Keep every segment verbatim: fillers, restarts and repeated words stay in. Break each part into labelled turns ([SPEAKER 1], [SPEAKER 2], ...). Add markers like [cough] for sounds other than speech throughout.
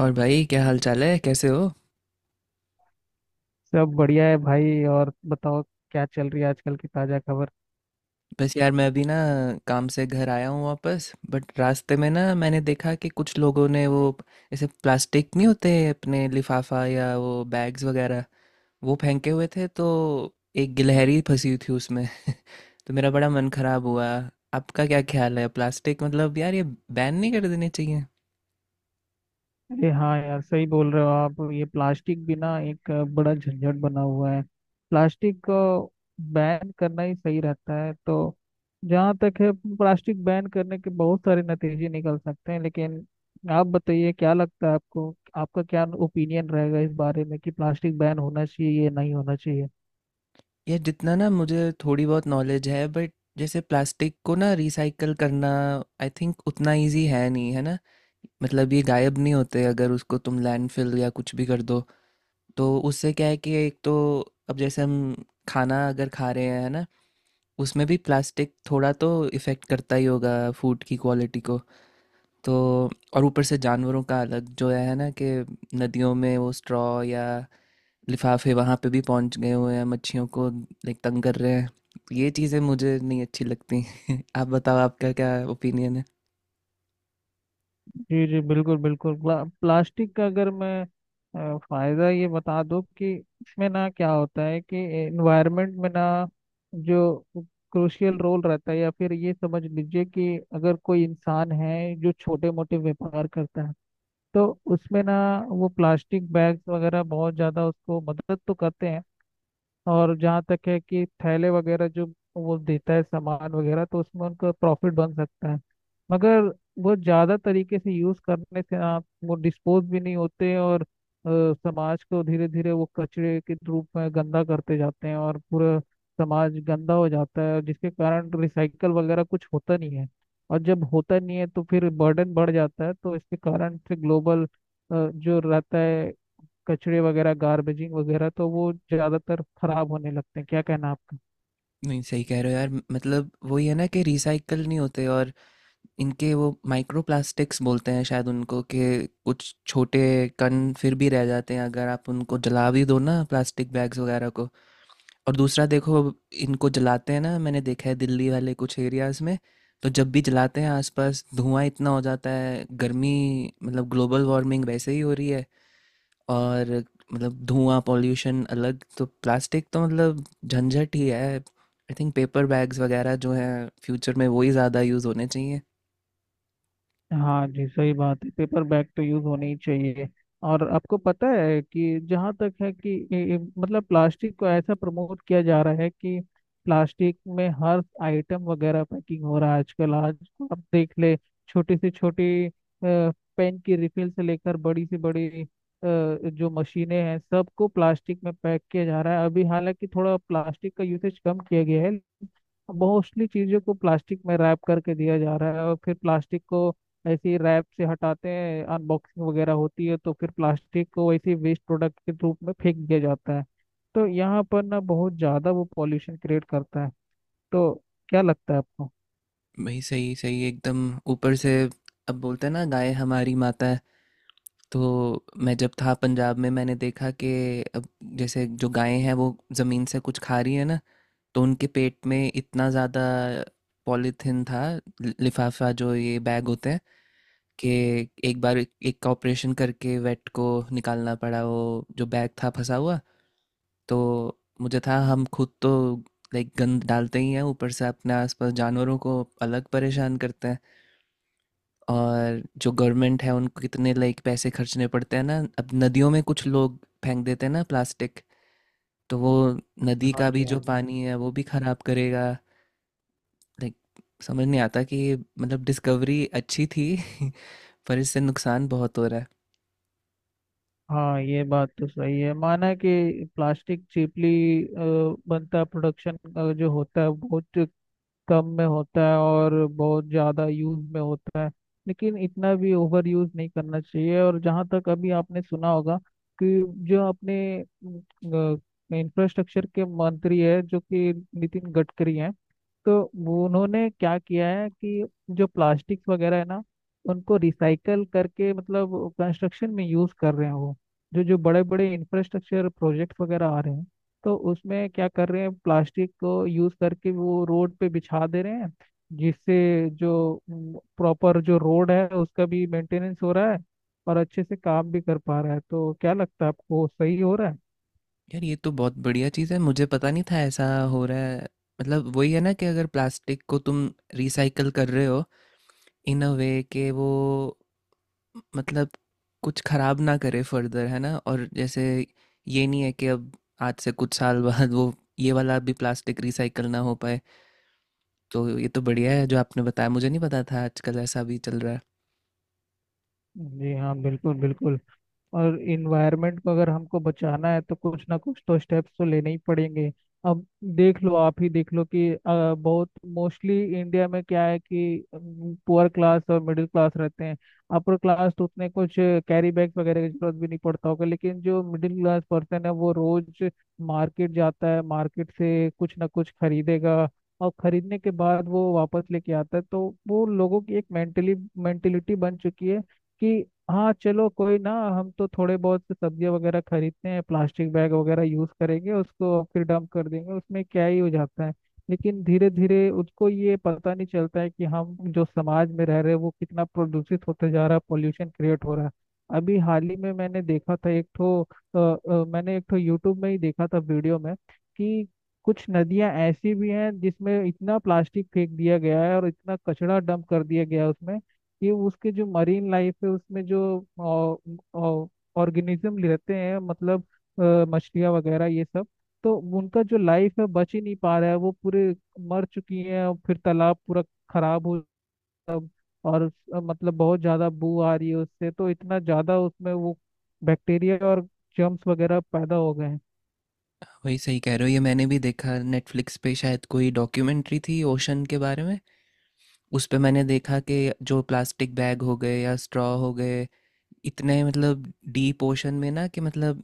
[SPEAKER 1] और भाई क्या हाल चाल है, कैसे हो?
[SPEAKER 2] सब बढ़िया है भाई। और बताओ क्या चल रही है आजकल की ताजा खबर?
[SPEAKER 1] बस यार मैं अभी ना काम से घर आया हूँ वापस। बट रास्ते में ना मैंने देखा कि कुछ लोगों ने वो ऐसे प्लास्टिक नहीं होते अपने, लिफाफा या वो बैग्स वगैरह, वो फेंके हुए थे। तो एक गिलहरी फंसी हुई थी उसमें [laughs] तो मेरा बड़ा मन खराब हुआ। आपका क्या ख्याल है, प्लास्टिक मतलब यार ये बैन नहीं कर देने चाहिए?
[SPEAKER 2] अरे हाँ यार, सही बोल रहे हो आप। ये प्लास्टिक भी ना एक अ, बड़ा झंझट बना हुआ है। प्लास्टिक को बैन करना ही सही रहता है तो जहाँ तक है, प्लास्टिक बैन करने के बहुत सारे नतीजे निकल सकते हैं, लेकिन आप बताइए क्या लगता है आपको, आपका क्या ओपिनियन रहेगा इस बारे में कि प्लास्टिक बैन होना चाहिए या नहीं होना चाहिए?
[SPEAKER 1] ये जितना ना मुझे थोड़ी बहुत नॉलेज है, बट जैसे प्लास्टिक को ना रिसाइकल करना आई थिंक उतना इजी है नहीं, है ना। मतलब ये गायब नहीं होते, अगर उसको तुम लैंडफिल या कुछ भी कर दो। तो उससे क्या है कि एक तो अब जैसे हम खाना अगर खा रहे हैं, है ना, उसमें भी प्लास्टिक थोड़ा तो इफ़ेक्ट करता ही होगा फूड की क्वालिटी को। तो और ऊपर से जानवरों का अलग जो है ना, कि नदियों में वो स्ट्रॉ या लिफाफे वहाँ पे भी पहुँच गए हुए हैं, मच्छियों को लाइक तंग कर रहे हैं। ये चीज़ें मुझे नहीं अच्छी लगती [laughs] आप बताओ, आपका क्या ओपिनियन है?
[SPEAKER 2] जी जी, बिल्कुल बिल्कुल। प्ला, प्लास्टिक का अगर मैं अ, फायदा ये बता दूं कि इसमें ना क्या होता है कि एनवायरनमेंट में ना जो क्रूशियल रोल रहता है, या फिर ये समझ लीजिए कि अगर कोई इंसान है जो छोटे मोटे व्यापार करता है तो उसमें ना वो प्लास्टिक बैग्स वगैरह बहुत ज़्यादा उसको मदद तो करते हैं। और जहाँ तक है कि थैले वगैरह जो वो देता है सामान वगैरह, तो उसमें उनका प्रॉफिट बन सकता है। मगर वो ज़्यादा तरीके से यूज़ करने से आप वो डिस्पोज भी नहीं होते, और अ, समाज को धीरे धीरे वो कचरे के रूप में गंदा करते जाते हैं और पूरा समाज गंदा हो जाता है, जिसके कारण रिसाइकल वगैरह कुछ होता नहीं है। और जब होता नहीं है तो फिर बर्डन बढ़ जाता है, तो इसके कारण से ग्लोबल जो रहता है, कचरे वगैरह, गार्बेजिंग वगैरह, तो वो ज्यादातर खराब होने लगते हैं। क्या कहना आपका?
[SPEAKER 1] नहीं, सही कह रहे हो यार। मतलब वही है ना, कि रिसाइकल नहीं होते, और इनके वो माइक्रो प्लास्टिक्स बोलते हैं शायद उनको, कि कुछ छोटे कण फिर भी रह जाते हैं अगर आप उनको जला भी दो ना प्लास्टिक बैग्स वगैरह को। और दूसरा देखो, इनको जलाते हैं ना, मैंने देखा है दिल्ली वाले कुछ एरियाज में। तो जब भी जलाते हैं आसपास धुआं इतना हो जाता है, गर्मी, मतलब ग्लोबल वार्मिंग वैसे ही हो रही है। और मतलब धुआं पॉल्यूशन अलग, तो प्लास्टिक तो मतलब झंझट ही है। आई थिंक पेपर बैग्स वगैरह जो हैं फ्यूचर में वही ज़्यादा यूज़ होने चाहिए।
[SPEAKER 2] हाँ जी, सही बात है। पेपर बैग तो यूज होनी ही चाहिए। और आपको पता है कि जहाँ तक है कि ए- ए- मतलब प्लास्टिक को ऐसा प्रमोट किया जा रहा है कि प्लास्टिक में हर आइटम वगैरह पैकिंग हो रहा है आजकल। आज आप देख ले छोटी से छोटी पेन की रिफिल से लेकर बड़ी से बड़ी अ, जो मशीनें हैं, सबको प्लास्टिक में पैक किया जा रहा है। अभी हालांकि थोड़ा प्लास्टिक का यूसेज कम किया गया है, मोस्टली चीज़ों को प्लास्टिक में रैप करके दिया जा रहा है, और फिर प्लास्टिक को ऐसे ही रैप से हटाते हैं, अनबॉक्सिंग वगैरह होती है, तो फिर प्लास्टिक को वैसे वेस्ट प्रोडक्ट के रूप में फेंक दिया जाता है। तो यहाँ पर ना बहुत ज़्यादा वो पॉल्यूशन क्रिएट करता है। तो क्या लगता है आपको?
[SPEAKER 1] वही, सही सही एकदम। ऊपर से अब बोलते हैं ना गाय हमारी माता है। तो मैं जब था पंजाब में, मैंने देखा कि अब जैसे जो गायें हैं वो ज़मीन से कुछ खा रही है ना, तो उनके पेट में इतना ज़्यादा पॉलीथिन था, लि- लिफाफा जो ये बैग होते हैं, कि एक बार एक एक का ऑपरेशन करके वेट को निकालना पड़ा, वो जो बैग था फंसा हुआ। तो मुझे था हम खुद तो लाइक गंद डालते ही हैं, ऊपर से अपने आसपास जानवरों को अलग परेशान करते हैं। और जो गवर्नमेंट है उनको कितने लाइक पैसे खर्चने पड़ते हैं ना, अब नदियों में कुछ लोग फेंक देते हैं ना प्लास्टिक। तो वो नदी
[SPEAKER 2] हाँ
[SPEAKER 1] का भी
[SPEAKER 2] जी,
[SPEAKER 1] जो
[SPEAKER 2] हाँ जी।
[SPEAKER 1] पानी है वो भी खराब करेगा। लाइक, समझ नहीं आता कि ये, मतलब डिस्कवरी अच्छी थी [laughs] पर इससे नुकसान बहुत हो रहा है।
[SPEAKER 2] हाँ ये बात तो सही है। माना कि प्लास्टिक चीपली बनता, प्रोडक्शन जो होता है बहुत कम में होता है और बहुत ज़्यादा यूज में होता है, लेकिन इतना भी ओवर यूज नहीं करना चाहिए। और जहाँ तक, अभी आपने सुना होगा कि जो अपने इंफ्रास्ट्रक्चर के मंत्री है जो कि नितिन गडकरी हैं, तो वो उन्होंने क्या किया है कि जो प्लास्टिक्स वगैरह है ना, उनको रिसाइकल करके मतलब कंस्ट्रक्शन में यूज कर रहे हैं। वो जो जो बड़े बड़े इंफ्रास्ट्रक्चर प्रोजेक्ट वगैरह आ रहे हैं, तो उसमें क्या कर रहे हैं, प्लास्टिक को यूज करके वो रोड पे बिछा दे रहे हैं, जिससे जो प्रॉपर जो रोड है उसका भी मेंटेनेंस हो रहा है और अच्छे से काम भी कर पा रहा है। तो क्या लगता है आपको, सही हो रहा है?
[SPEAKER 1] यार ये तो बहुत बढ़िया चीज़ है, मुझे पता नहीं था ऐसा हो रहा है। मतलब वही है ना, कि अगर प्लास्टिक को तुम रिसाइकल कर रहे हो इन अ वे के, वो मतलब कुछ खराब ना करे फर्दर, है ना। और जैसे ये नहीं है कि अब आज से कुछ साल बाद वो ये वाला भी प्लास्टिक रिसाइकल ना हो पाए। तो ये तो बढ़िया है जो आपने बताया, मुझे नहीं पता था आजकल ऐसा भी चल रहा है।
[SPEAKER 2] जी हाँ, बिल्कुल बिल्कुल। और इन्वायरमेंट को अगर हमको बचाना है तो कुछ ना कुछ तो स्टेप्स तो लेने ही पड़ेंगे। अब देख लो, आप ही देख लो कि अ, बहुत मोस्टली इंडिया में क्या है कि पुअर क्लास और मिडिल क्लास रहते हैं। अपर क्लास तो उतने कुछ कैरी बैग वगैरह की जरूरत भी नहीं पड़ता होगा, लेकिन जो मिडिल क्लास पर्सन है वो रोज मार्केट जाता है, मार्केट से कुछ ना कुछ खरीदेगा और खरीदने के बाद वो वापस लेके आता है। तो वो लोगों की एक मेंटली मेंटेलिटी बन चुकी है कि हाँ चलो कोई ना, हम तो थोड़े बहुत से सब्जियाँ वगैरह खरीदते हैं, प्लास्टिक बैग वगैरह यूज़ करेंगे उसको और फिर डंप कर देंगे, उसमें क्या ही हो जाता है। लेकिन धीरे धीरे उसको ये पता नहीं चलता है कि हम जो समाज में रह रहे हैं वो कितना प्रदूषित होते जा रहा है, पॉल्यूशन क्रिएट हो रहा है। अभी हाल ही में मैंने देखा था एक ठो अ, अ, मैंने एक ठो यूट्यूब में ही देखा था, वीडियो में, कि कुछ नदियां ऐसी भी हैं जिसमें इतना प्लास्टिक फेंक दिया गया है और इतना कचरा डंप कर दिया गया है उसमें, ये उसके जो मरीन लाइफ है उसमें जो ऑर्गेनिज्म रहते हैं, मतलब अ, मछलियाँ वगैरह ये सब, तो उनका जो लाइफ है बच ही नहीं पा रहा है, वो पूरे मर चुकी हैं। और फिर तालाब पूरा खराब हो सब, और अ, मतलब बहुत ज़्यादा बू आ रही है उससे, तो इतना ज़्यादा उसमें वो बैक्टीरिया और जर्म्स वगैरह पैदा हो गए हैं।
[SPEAKER 1] वही, सही कह रहे हो। ये मैंने भी देखा नेटफ्लिक्स पे, शायद कोई डॉक्यूमेंट्री थी ओशन के बारे में। उस पे मैंने देखा कि जो प्लास्टिक बैग हो गए या स्ट्रॉ हो गए, इतने मतलब डीप ओशन में ना, कि मतलब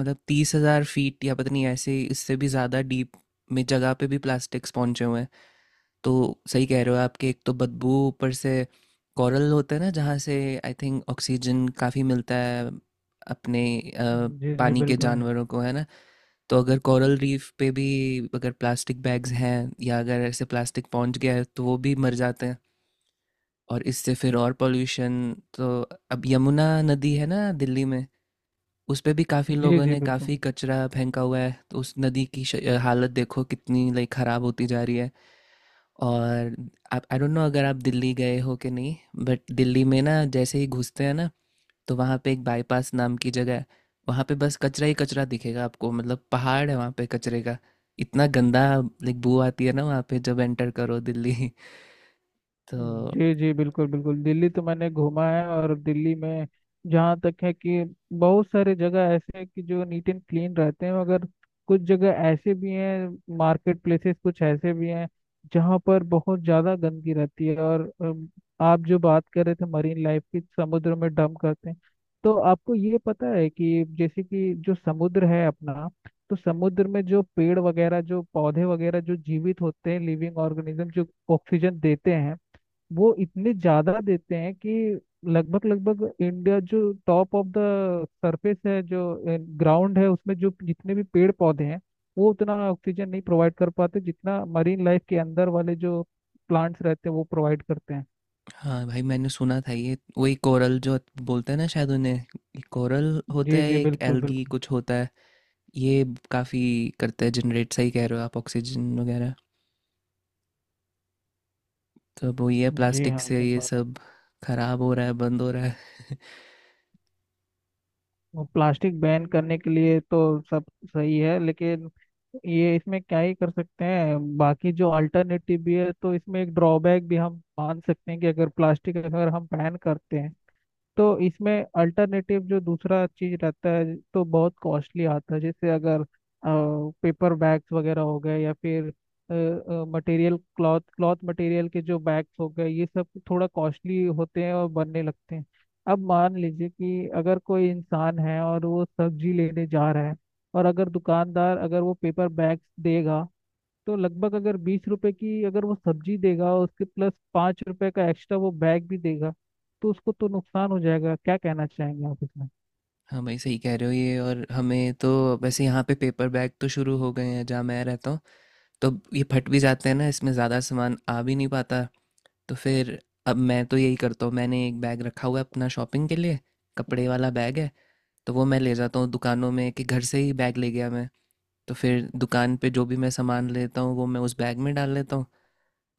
[SPEAKER 1] मतलब तीस हजार फीट या पता नहीं ऐसे इससे भी ज़्यादा डीप में जगह पे भी प्लास्टिक्स पहुंचे हुए हैं। तो सही कह रहे हो आपके, एक तो बदबू, ऊपर से कोरल होता है ना, जहाँ से आई थिंक ऑक्सीजन काफ़ी मिलता है अपने अ,
[SPEAKER 2] जी जी
[SPEAKER 1] पानी के
[SPEAKER 2] बिल्कुल।
[SPEAKER 1] जानवरों को, है ना। तो अगर कोरल रीफ पे भी अगर प्लास्टिक बैग्स हैं या अगर ऐसे प्लास्टिक पहुंच गया है तो वो भी मर जाते हैं, और इससे फिर और पोल्यूशन। तो अब यमुना नदी है ना दिल्ली में, उस पे भी काफ़ी
[SPEAKER 2] जी
[SPEAKER 1] लोगों
[SPEAKER 2] जी
[SPEAKER 1] ने
[SPEAKER 2] बिल्कुल।
[SPEAKER 1] काफ़ी कचरा फेंका हुआ है, तो उस नदी की श- अ, हालत देखो कितनी लाइक ख़राब होती जा रही है। और आप, आई डोंट नो अगर आप दिल्ली गए हो कि नहीं, बट दिल्ली में ना जैसे ही घुसते हैं ना तो वहाँ पे एक बाईपास नाम की जगह है। वहाँ पे बस कचरा ही कचरा दिखेगा आपको, मतलब पहाड़ है वहाँ पे कचरे का, इतना गंदा। लाइक बू आती है ना वहाँ पे जब एंटर करो दिल्ली [laughs] तो
[SPEAKER 2] जी जी, बिल्कुल बिल्कुल। दिल्ली तो मैंने घूमा है, और दिल्ली में जहाँ तक है कि बहुत सारे जगह ऐसे हैं कि जो नीट एंड क्लीन रहते हैं, मगर कुछ जगह ऐसे भी हैं, मार्केट प्लेसेस कुछ ऐसे भी हैं जहाँ पर बहुत ज़्यादा गंदगी रहती है। और अम, आप जो बात कर रहे थे मरीन लाइफ की, समुद्र में डंप करते हैं, तो आपको ये पता है कि जैसे कि जो समुद्र है अपना, तो समुद्र में जो पेड़ वगैरह जो पौधे वगैरह जो जीवित होते हैं, लिविंग ऑर्गेनिज्म, जो ऑक्सीजन देते हैं, वो इतने ज्यादा देते हैं कि लगभग लगभग इंडिया जो टॉप ऑफ द सरफेस है, जो ग्राउंड है, उसमें जो जितने भी पेड़ पौधे हैं वो उतना ऑक्सीजन नहीं प्रोवाइड कर पाते जितना मरीन लाइफ के अंदर वाले जो प्लांट्स रहते हैं वो प्रोवाइड करते हैं।
[SPEAKER 1] हाँ भाई, मैंने सुना था ये वही कोरल जो बोलते हैं ना, शायद उन्हें कोरल होता
[SPEAKER 2] जी
[SPEAKER 1] है,
[SPEAKER 2] जी
[SPEAKER 1] एक
[SPEAKER 2] बिल्कुल
[SPEAKER 1] एल्गी
[SPEAKER 2] बिल्कुल।
[SPEAKER 1] कुछ होता है। ये काफ़ी करता है जनरेट, सही कह रहे हो आप, ऑक्सीजन वगैरह। तो अब वही है,
[SPEAKER 2] जी
[SPEAKER 1] प्लास्टिक
[SPEAKER 2] हाँ,
[SPEAKER 1] से
[SPEAKER 2] सही
[SPEAKER 1] ये
[SPEAKER 2] बात।
[SPEAKER 1] सब खराब हो रहा है, बंद हो रहा है [laughs]
[SPEAKER 2] वो प्लास्टिक बैन करने के लिए तो सब सही है, लेकिन ये इसमें क्या ही कर सकते हैं। बाकी जो अल्टरनेटिव भी है तो इसमें एक ड्रॉबैक भी हम मान सकते हैं कि अगर प्लास्टिक अगर हम बैन करते हैं, तो इसमें अल्टरनेटिव जो दूसरा चीज रहता है तो बहुत कॉस्टली आता है। जैसे अगर पेपर बैग्स वगैरह हो गए, या फिर मटेरियल, क्लॉथ क्लॉथ मटेरियल के जो बैग्स हो गए, ये सब थोड़ा कॉस्टली होते हैं और बनने लगते हैं। अब मान लीजिए कि अगर कोई इंसान है और वो सब्जी लेने जा रहा है, और अगर दुकानदार अगर वो पेपर बैग्स देगा, तो लगभग अगर बीस रुपए की अगर वो सब्जी देगा और उसके प्लस पाँच रुपए का एक्स्ट्रा वो बैग भी देगा, तो उसको तो नुकसान हो जाएगा। क्या कहना चाहेंगे आप इसमें?
[SPEAKER 1] हाँ भाई, सही कह रहे हो ये। और हमें तो वैसे, यहाँ पे पेपर बैग तो शुरू हो गए हैं जहाँ मैं रहता हूँ। तो अब ये फट भी जाते हैं ना, इसमें ज़्यादा सामान आ भी नहीं पाता। तो फिर अब मैं तो यही करता हूँ, मैंने एक बैग रखा हुआ है अपना शॉपिंग के लिए, कपड़े वाला बैग है। तो वो मैं ले जाता हूँ दुकानों में, कि घर से ही बैग ले गया मैं। तो फिर दुकान पे जो भी मैं सामान लेता हूँ वो मैं उस बैग में डाल लेता हूँ।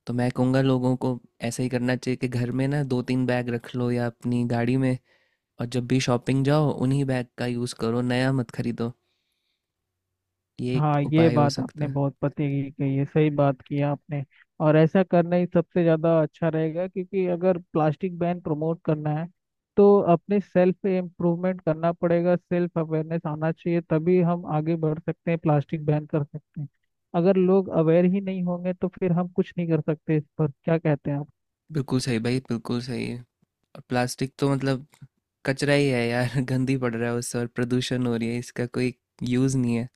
[SPEAKER 1] तो मैं कहूँगा लोगों को ऐसा ही करना चाहिए, कि घर में ना दो तीन बैग रख लो या अपनी गाड़ी में, और जब भी शॉपिंग जाओ उन्हीं बैग का यूज़ करो, नया मत खरीदो। ये एक
[SPEAKER 2] हाँ, ये
[SPEAKER 1] उपाय हो
[SPEAKER 2] बात
[SPEAKER 1] सकता
[SPEAKER 2] आपने
[SPEAKER 1] है।
[SPEAKER 2] बहुत पते की कही है, सही बात की है आपने। और ऐसा करना ही सबसे ज्यादा अच्छा रहेगा, क्योंकि अगर प्लास्टिक बैन प्रमोट करना है तो अपने सेल्फ इम्प्रूवमेंट करना पड़ेगा, सेल्फ अवेयरनेस आना चाहिए, तभी हम आगे बढ़ सकते हैं, प्लास्टिक बैन कर सकते हैं। अगर लोग अवेयर ही नहीं होंगे तो फिर हम कुछ नहीं कर सकते। इस पर क्या कहते हैं आप?
[SPEAKER 1] बिल्कुल सही भाई, बिल्कुल सही है। और प्लास्टिक तो मतलब कचरा ही है यार [laughs] गंदी पड़ रहा है उससे और प्रदूषण हो रही है, इसका कोई यूज़ नहीं है।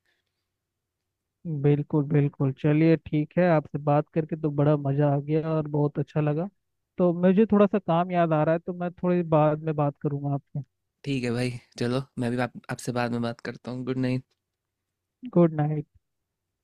[SPEAKER 2] बिल्कुल बिल्कुल। चलिए ठीक है, आपसे बात करके तो बड़ा मज़ा आ गया और बहुत अच्छा लगा। तो मुझे थोड़ा सा काम याद आ रहा है, तो मैं थोड़ी बाद में बात करूंगा आपसे।
[SPEAKER 1] ठीक है भाई, चलो मैं भी आप आपसे बाद में बात करता हूँ। Good night.
[SPEAKER 2] Good night.